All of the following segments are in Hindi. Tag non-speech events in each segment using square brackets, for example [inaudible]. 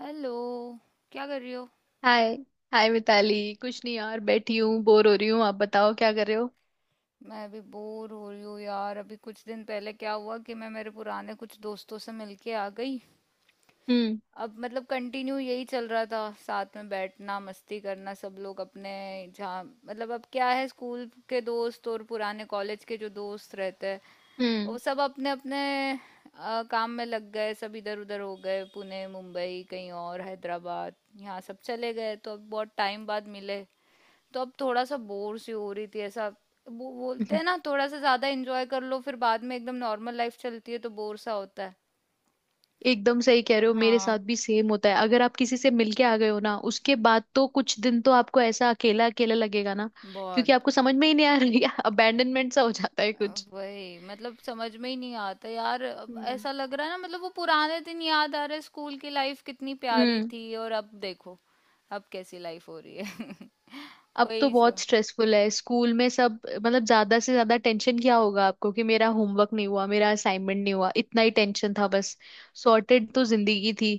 हेलो, क्या कर रही हो। हाय हाय मिताली, कुछ नहीं यार, बैठी हूँ बोर हो रही हूँ। आप बताओ क्या कर रहे हो। मैं अभी बोर हो रही हूँ यार। अभी कुछ दिन पहले क्या हुआ कि मैं मेरे पुराने कुछ दोस्तों से मिलके आ गई। हम्म। अब मतलब कंटिन्यू यही चल रहा था, साथ में बैठना, मस्ती करना, सब लोग अपने, जहाँ मतलब अब क्या है, स्कूल के दोस्त और पुराने कॉलेज के जो दोस्त रहते हैं वो हम्म। सब अपने अपने काम में लग गए। सब इधर उधर हो गए, पुणे, मुंबई, कहीं और, हैदराबाद, यहाँ सब चले गए। तो अब बहुत टाइम बाद मिले, तो अब थोड़ा सा बोर सी हो रही थी ऐसा। वो बोलते [laughs] हैं ना, थोड़ा सा ज्यादा एंजॉय कर लो फिर बाद में एकदम नॉर्मल लाइफ चलती है तो बोर सा होता है। एकदम सही कह रहे हो, मेरे हाँ, साथ भी सेम होता है। अगर आप किसी से मिलके आ गए हो ना, उसके बाद तो कुछ दिन तो आपको ऐसा अकेला अकेला लगेगा ना। बहुत। क्योंकि आपको समझ में ही नहीं आ रही, अबैंडनमेंट [laughs] सा हो जाता है कुछ। वही मतलब समझ में ही नहीं आता यार। अब हम्म। ऐसा लग रहा है ना, मतलब वो पुराने दिन याद आ रहे, स्कूल की लाइफ कितनी प्यारी हम्म। थी और अब देखो अब कैसी लाइफ हो रही है। [laughs] अब तो वही बहुत सब। स्ट्रेसफुल है स्कूल में सब, मतलब ज्यादा से ज्यादा टेंशन क्या होगा आपको कि मेरा होमवर्क नहीं हुआ, मेरा असाइनमेंट नहीं हुआ, इतना ही टेंशन था बस। सॉर्टेड तो जिंदगी थी।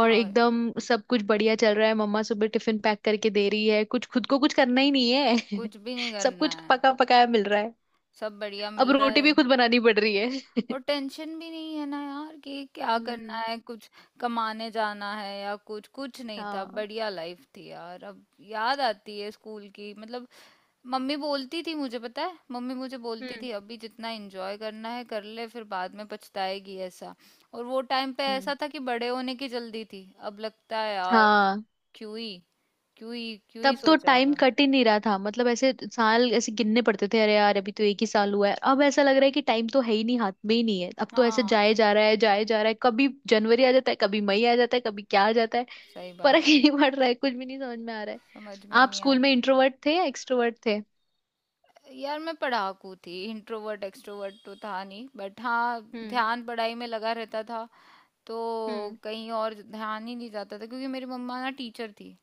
और एकदम सब कुछ बढ़िया चल रहा है, मम्मा सुबह टिफिन पैक करके दे रही है, कुछ खुद को कुछ करना ही नहीं है। [laughs] कुछ भी नहीं सब करना कुछ है, पका पकाया मिल रहा है। सब बढ़िया अब मिल रहा रोटी भी है। खुद बनानी पड़ रही है। [laughs] और टेंशन भी नहीं है ना यार कि क्या करना हम्म। है, कुछ कमाने जाना है या कुछ, कुछ नहीं था। हाँ। बढ़िया लाइफ थी यार। अब याद आती है स्कूल की मतलब। मम्मी बोलती थी, मुझे पता है, मम्मी मुझे बोलती हम्म। थी अभी जितना एंजॉय करना है कर ले फिर बाद में पछताएगी ऐसा। और वो टाइम पे हम्म। ऐसा था कि बड़े होने की जल्दी थी, अब लगता है यार हाँ। क्यों ही, क्यों ही तब तो सोचा टाइम होगा। कट ही नहीं रहा था, मतलब ऐसे साल ऐसे गिनने पड़ते थे, अरे यार अभी तो एक ही साल हुआ है। अब ऐसा लग रहा है कि टाइम तो है ही नहीं, हाथ में ही नहीं है, अब तो ऐसे हाँ, जाए जा रहा है जाए जा रहा है, कभी जनवरी आ जाता है, कभी मई आ जाता है, कभी क्या आ जाता है। सही बात फर्क ही है, नहीं पड़ रहा है, कुछ भी नहीं समझ में आ रहा है। समझ में ही आप नहीं स्कूल में आता। इंट्रोवर्ट थे या एक्सट्रोवर्ट थे? यार मैं पढ़ाकू थी, इंट्रोवर्ट एक्सट्रोवर्ट तो था नहीं बट हाँ, हम्म। ध्यान पढ़ाई में लगा रहता था, तो हम्म। कहीं और ध्यान ही नहीं जाता था। क्योंकि मेरी मम्मा ना टीचर थी,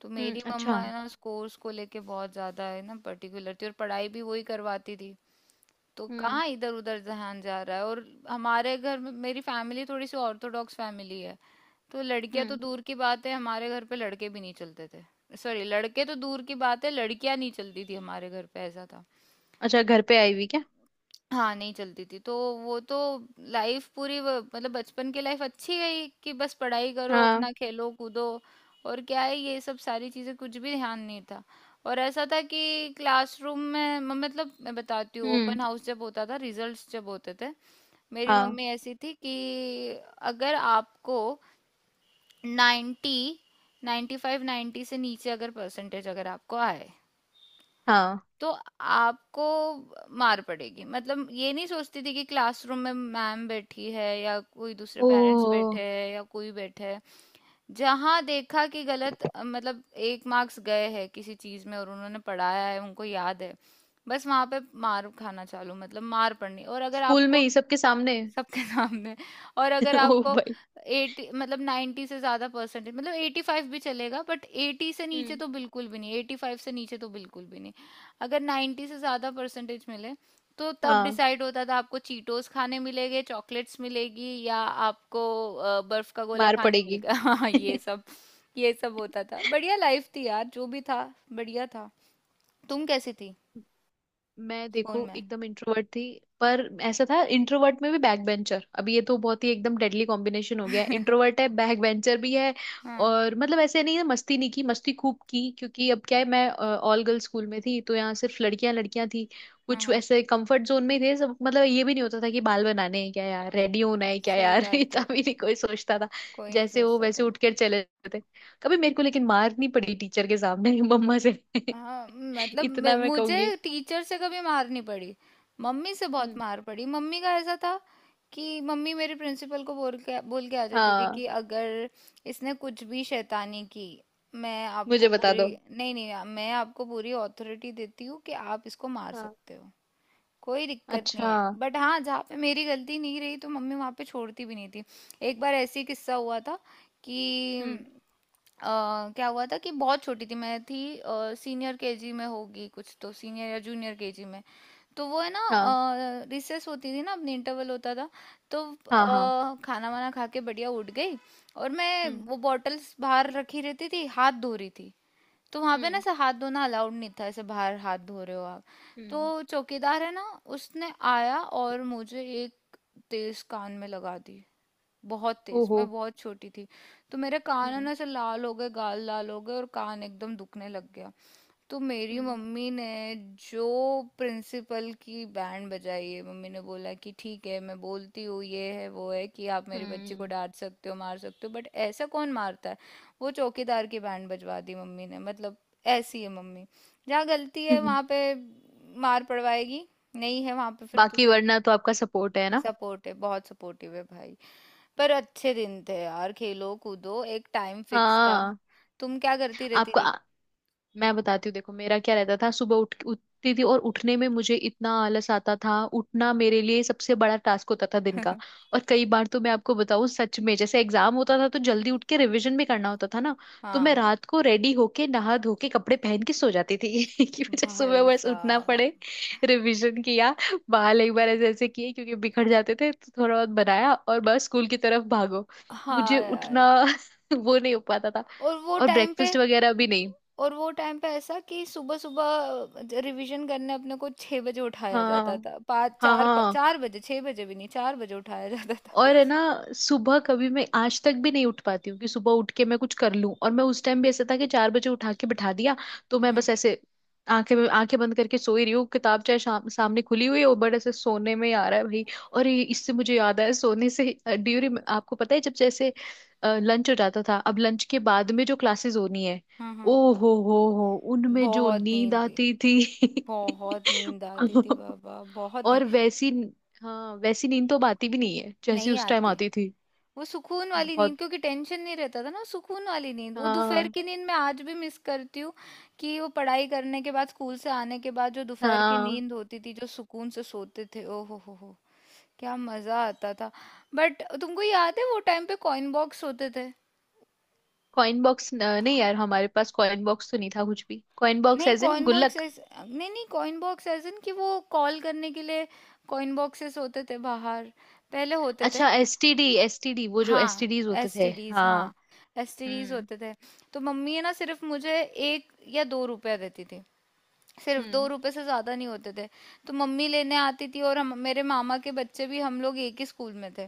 तो हम्म। मेरी अच्छा। मम्मा है ना उस कोर्स को लेके बहुत ज्यादा है ना पर्टिकुलर थी, और पढ़ाई भी वही करवाती थी। तो हम्म। कहाँ इधर उधर ध्यान जा रहा है। और हमारे घर में, मेरी फैमिली थोड़ी सी ऑर्थोडॉक्स फैमिली है, तो लड़कियां तो हम्म। दूर की बात है हमारे घर पे लड़के भी नहीं चलते थे। सॉरी, लड़के तो दूर की बात है लड़कियां नहीं चलती थी हमारे घर पे, ऐसा था। अच्छा, घर पे आई हुई क्या? हाँ, नहीं चलती थी। तो वो तो लाइफ पूरी व मतलब बचपन की लाइफ अच्छी गई कि बस पढ़ाई करो, हाँ। अपना खेलो, कूदो, और क्या है ये सब सारी चीज़ें, कुछ भी ध्यान नहीं था। और ऐसा था कि क्लासरूम में म मतलब मैं बताती हूँ, हम्म। ओपन हाउस जब होता था, रिजल्ट्स जब होते थे, मेरी हाँ। मम्मी ऐसी थी कि अगर आपको 90, 95, 90 से नीचे अगर परसेंटेज अगर आपको आए हाँ। तो आपको मार पड़ेगी। मतलब ये नहीं सोचती थी कि क्लासरूम में मैम बैठी है या कोई दूसरे पेरेंट्स ओ। बैठे हैं या कोई बैठे है, जहां देखा कि गलत मतलब एक मार्क्स गए हैं किसी चीज में और उन्होंने पढ़ाया है उनको याद है, बस वहां पे मार खाना चालू, मतलब मार पड़नी। और अगर स्कूल आपको में ही सबके सामने? सबके [laughs] सामने। और [laughs] अगर ओ आपको भाई। 80, मतलब 90 से ज्यादा परसेंटेज, मतलब 85 भी चलेगा बट 80 से नीचे हम्म। तो बिल्कुल भी नहीं, 85 से नीचे तो बिल्कुल भी नहीं। अगर 90 से ज्यादा परसेंटेज मिले तो तब हाँ। डिसाइड होता था आपको चीटोस खाने मिलेंगे, चॉकलेट्स मिलेगी, या आपको बर्फ का गोला मार खाने पड़ेगी। मिलेगा। [laughs] हाँ, ये [laughs] सब, ये सब होता था। बढ़िया लाइफ थी यार, जो भी था बढ़िया था। तुम कैसी थी मैं स्कूल देखो में। एकदम इंट्रोवर्ट थी, पर ऐसा था इंट्रोवर्ट में भी बैक बेंचर। अभी ये तो बहुत ही एकदम डेडली कॉम्बिनेशन हो गया है, [laughs] इंट्रोवर्ट है बैक बेंचर भी है। हाँ, और मतलब ऐसे नहीं है मस्ती नहीं की, मस्ती खूब की, क्योंकि अब क्या है मैं ऑल गर्ल्स स्कूल में थी तो यहाँ सिर्फ लड़कियां लड़कियां थी। हाँ, कुछ हाँ, ऐसे कंफर्ट जोन में ही थे सब, मतलब ये भी नहीं होता था कि बाल बनाने हैं क्या यार, रेडी होना है क्या सही यार, [laughs] बात इतना है, भी नहीं कोई सोचता था। कोई नहीं जैसे हो सोचता वैसे था। उठ कर चले जाते। कभी मेरे को लेकिन मार नहीं पड़ी टीचर के सामने, [laughs] मम्मा से, हाँ मतलब इतना मैं कहूंगी। मुझे टीचर से कभी मार नहीं पड़ी, मम्मी से बहुत हम्म। मार पड़ी। मम्मी का ऐसा था कि मम्मी मेरे प्रिंसिपल को बोल के आ जाती थी हाँ। कि अगर इसने कुछ भी शैतानी की, मैं आपको मुझे बता पूरी दो। नहीं नहीं, मैं आपको पूरी अथॉरिटी देती हूँ कि आप इसको मार हाँ। सकते हो, कोई दिक्कत नहीं अच्छा। है। बट हाँ, जहाँ पे मेरी गलती नहीं रही तो मम्मी वहाँ पे छोड़ती भी नहीं थी। एक बार ऐसे ही किस्सा हुआ था कि हम्म। अ, क्या हुआ था कि बहुत छोटी थी, मैं थी सीनियर केजी में, होगी कुछ तो सीनियर या जूनियर केजी में। तो वो है ना हाँ। रिसेस होती थी ना, अपनी इंटरवल होता था, तो हाँ। हाँ। खाना वाना खा के बढ़िया उठ गई और मैं हम्म। वो बॉटल्स बाहर रखी रहती थी, हाथ धो रही थी। तो वहां पे ना हम्म। ऐसे हाथ धोना अलाउड नहीं था, ऐसे बाहर हाथ धो रहे हो आप। हम्म। तो चौकीदार है ना, उसने आया और मुझे एक तेज कान में लगा दी, बहुत तेज। ओहो। मैं बहुत छोटी थी, तो मेरे कान है हम्म। ना ऐसे लाल हो गए, गाल लाल हो गए और कान एकदम दुखने लग गया। तो मेरी हम्म। मम्मी ने जो प्रिंसिपल की बैंड बजाई है, मम्मी ने बोला कि ठीक है मैं बोलती हूँ, ये है वो है, कि आप मेरे बच्चे को हम्म। डांट सकते हो, मार सकते हो, बट ऐसा कौन मारता है। वो चौकीदार की बैंड बजवा दी मम्मी ने। मतलब ऐसी है मम्मी, जहाँ गलती है वहाँ [laughs] पे मार पड़वाएगी, नहीं है वहाँ पे फिर तो बाकी फिर वरना तो आपका सपोर्ट है ना। सपोर्ट है, बहुत सपोर्टिव है भाई। पर अच्छे दिन थे यार, खेलो कूदो, एक टाइम फिक्स था। हाँ। तुम क्या करती रहती आपको थी। मैं बताती हूँ देखो मेरा क्या रहता था। सुबह उठ उठती थी और उठने में मुझे इतना आलस आता था, उठना मेरे लिए सबसे बड़ा टास्क होता था दिन का। और कई बार तो मैं आपको बताऊं सच में, जैसे एग्जाम होता था तो जल्दी उठ के रिवीजन भी करना होता था ना। तो मैं हाँ रात को रेडी होके नहा धो के कपड़े पहन के सो जाती थी [laughs] कि मुझे सुबह भाई बस उठना साहब। पड़े। रिवीजन किया, बाल एक बार ऐसे ऐसे किए क्योंकि बिखर जाते थे तो थोड़ा बहुत बनाया, और बस स्कूल की तरफ भागो। मुझे हाँ उठना यार। [laughs] वो नहीं हो पाता था, और वो और टाइम पे ब्रेकफास्ट वगैरह भी नहीं। और वो टाइम पे ऐसा कि सुबह सुबह रिवीजन करने अपने को 6 बजे उठाया जाता हाँ। था, 5, 4, हाँ। 4 बजे, 6 बजे भी नहीं, 4 बजे उठाया जाता था। और है ना, सुबह कभी मैं आज तक भी नहीं उठ पाती हूँ कि सुबह उठ के मैं कुछ कर लूं। और मैं उस टाइम भी ऐसा था कि 4 बजे उठा के बिठा दिया। तो मैं हम्म, बस ऐसे आंखें आंखें बंद करके सोई रही हूँ, किताब चाहे शाम सामने खुली हुई हो, बट ऐसे सोने में आ रहा है भाई। और इससे मुझे याद आया सोने से ड्यूरी। आपको पता है जब जैसे लंच हो जाता था, अब लंच के बाद में जो क्लासेस होनी है, हाँ हाँ। ओ हो उनमें जो बहुत नींद नींद, आती थी। बहुत नींद आती थी [laughs] बाबा, बहुत नींद। और वैसी, हाँ वैसी नींद तो अब आती भी नहीं है जैसी नहीं उस टाइम आती। आती थी। वो सुकून वाली बहुत। नींद, क्योंकि टेंशन नहीं रहता था ना, सुकून वाली नींद, वो दोपहर हाँ। की नींद मैं आज भी मिस करती हूँ। कि वो पढ़ाई करने के बाद, स्कूल से आने के बाद जो दोपहर की हाँ। नींद होती थी, जो सुकून से सोते थे, ओ हो, क्या मजा आता था। बट तुमको याद है वो टाइम पे कॉइन बॉक्स होते थे। कॉइन बॉक्स नहीं यार, हमारे पास कॉइन बॉक्स तो नहीं था कुछ भी। कॉइन बॉक्स नहीं एज इन कॉइन बॉक्स गुल्लक। ऐसे नहीं, नहीं कॉइन बॉक्स एज इन कि वो कॉल करने के लिए कॉइन बॉक्सेस होते थे बाहर, पहले होते थे। अच्छा, एसटीडी एसटीडी वो जो हाँ, एसटीडीज होते थे, एसटीडीज, हाँ। हाँ, एसटीडीज हम्म। होते थे। तो मम्मी है ना सिर्फ मुझे एक या 2 रुपया देती थी, सिर्फ दो हम्म। रुपए से ज्यादा नहीं होते थे। तो मम्मी लेने आती थी, और हम, मेरे मामा के बच्चे भी हम लोग एक ही स्कूल में थे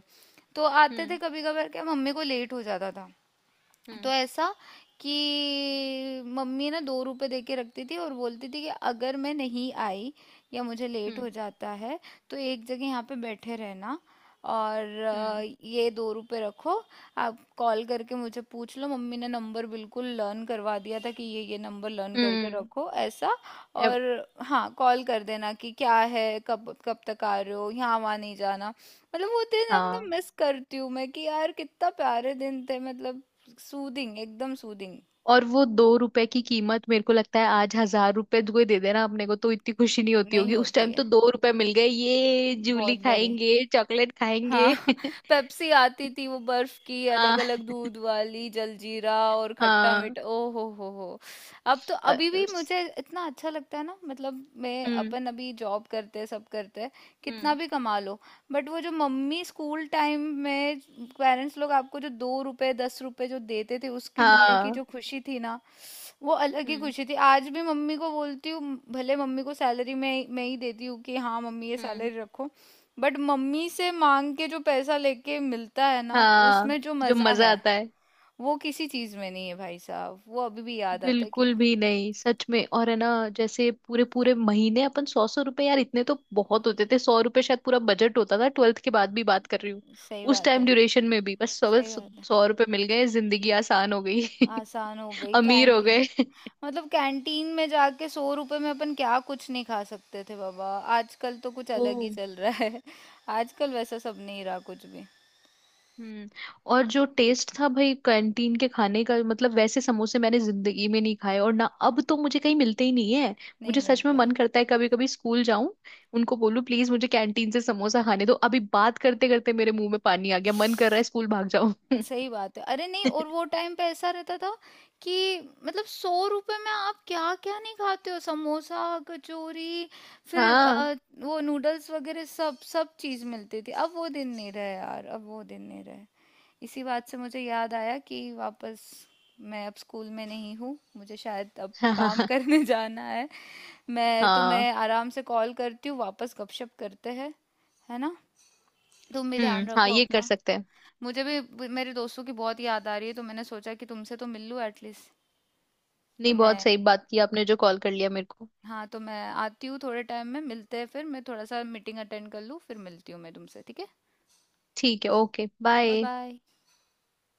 तो आते थे, हम्म। कभी कभार क्या मम्मी को लेट हो जाता था तो हम्म। ऐसा कि मम्मी ना 2 रुपए दे के रखती थी और बोलती थी कि अगर मैं नहीं आई या मुझे लेट हो हम्म। जाता है तो एक जगह यहाँ पे बैठे रहना, और हम्म। ये 2 रुपए रखो, आप कॉल करके मुझे पूछ लो। मम्मी ने नंबर बिल्कुल लर्न करवा दिया था कि ये नंबर लर्न करके हम्म, रखो ऐसा। और अब- हाँ, कॉल कर देना कि क्या है, कब कब तक आ रहे हो, यहाँ वहाँ नहीं जाना। मतलब वो दिन अब ना हाँ। मिस करती हूँ मैं कि यार कितना प्यारे दिन थे मतलब, सूदिंग एकदम सूदिंग। और वो 2 रुपए की कीमत, मेरे को लगता है आज 1,000 रुपए तो कोई दे देना अपने को तो इतनी खुशी नहीं होती नहीं होगी। उस होती टाइम है तो 2 रुपए मिल गए, ये जूली बहुत बड़ी, खाएंगे चॉकलेट हाँ। खाएंगे। [laughs] [laughs] पेप्सी आती थी, वो बर्फ की अलग हाँ। अलग, दूध वाली, जलजीरा और खट्टा हाँ। मीठा, ओ हो हो। अब तो अ, अभी भी उस- मुझे इतना अच्छा लगता है ना, मतलब मैं, हम्म। अपन अभी जॉब करते हैं, सब करते हैं, कितना हम्म। भी कमा लो, बट वो जो मम्मी स्कूल टाइम में, पेरेंट्स लोग आपको जो 2 रुपए, 10 रुपए जो देते थे, उसकी मिलने की हाँ। जो खुशी थी ना, वो अलग ही हम्म। खुशी थी। आज भी मम्मी को बोलती हूँ, भले मम्मी को सैलरी मैं ही देती हूँ कि हाँ मम्मी ये सैलरी हम्म। रखो, बट मम्मी से मांग के जो पैसा लेके मिलता है ना, हाँ। उसमें जो जो मजा मजा है आता है। वो किसी चीज में नहीं है भाई साहब। वो अभी भी याद आता है कि बिल्कुल भी नहीं सच में। और है ना, जैसे पूरे पूरे महीने अपन सौ सौ रुपए, यार इतने तो बहुत होते थे। 100 रुपए शायद पूरा बजट होता था, 12th के बाद भी बात कर रही हूँ। सही उस बात टाइम है, ड्यूरेशन में भी बस सौ सही बात है, सौ रुपए मिल गए जिंदगी आसान हो गई। आसान हो [laughs] गई अमीर हो कैंटीन। गए। मतलब कैंटीन में जाके 100 रुपए में अपन क्या कुछ नहीं खा सकते थे बाबा। आजकल तो कुछ ओ। अलग ही चल रहा है, आजकल वैसा सब नहीं रहा कुछ भी, हम्म। और जो टेस्ट था भाई कैंटीन के खाने का, मतलब वैसे समोसे मैंने जिंदगी में नहीं खाए और ना अब तो मुझे कहीं मिलते ही नहीं है। नहीं मुझे सच में मिलते। मन करता है कभी कभी स्कूल जाऊं, उनको बोलूं प्लीज मुझे कैंटीन से समोसा खाने दो। अभी बात करते करते मेरे मुंह में पानी आ गया, मन कर रहा है स्कूल भाग जाऊं। [laughs] सही बात है, अरे नहीं, और वो टाइम पे ऐसा रहता था कि मतलब 100 रुपए में आप क्या क्या नहीं खाते हो, समोसा, कचौरी, फिर हाँ। वो नूडल्स वगैरह, सब सब चीज मिलती थी। अब वो दिन नहीं रहे यार, अब वो दिन नहीं रहे। इसी बात से मुझे याद आया कि वापस मैं अब स्कूल में नहीं हूँ, मुझे शायद अब हाँ। हाँ। काम हाँ। करने [laughs] जाना है। मैं हाँ। तुम्हें आराम से कॉल करती हूँ, वापस गपशप करते हैं, है ना। तुम भी ध्यान हम्म। हाँ रखो ये कर अपना। सकते हैं। मुझे भी मेरे दोस्तों की बहुत याद आ रही है तो मैंने सोचा कि तुमसे तो मिल लूँ एटलीस्ट। तो नहीं बहुत मैं, सही बात की आपने जो कॉल कर लिया मेरे को। हाँ, तो मैं आती हूँ थोड़े टाइम में मिलते हैं, फिर मैं थोड़ा सा मीटिंग अटेंड कर लूँ फिर मिलती हूँ मैं तुमसे, ठीक है। ठीक है। ओके। Bye bye. बाय।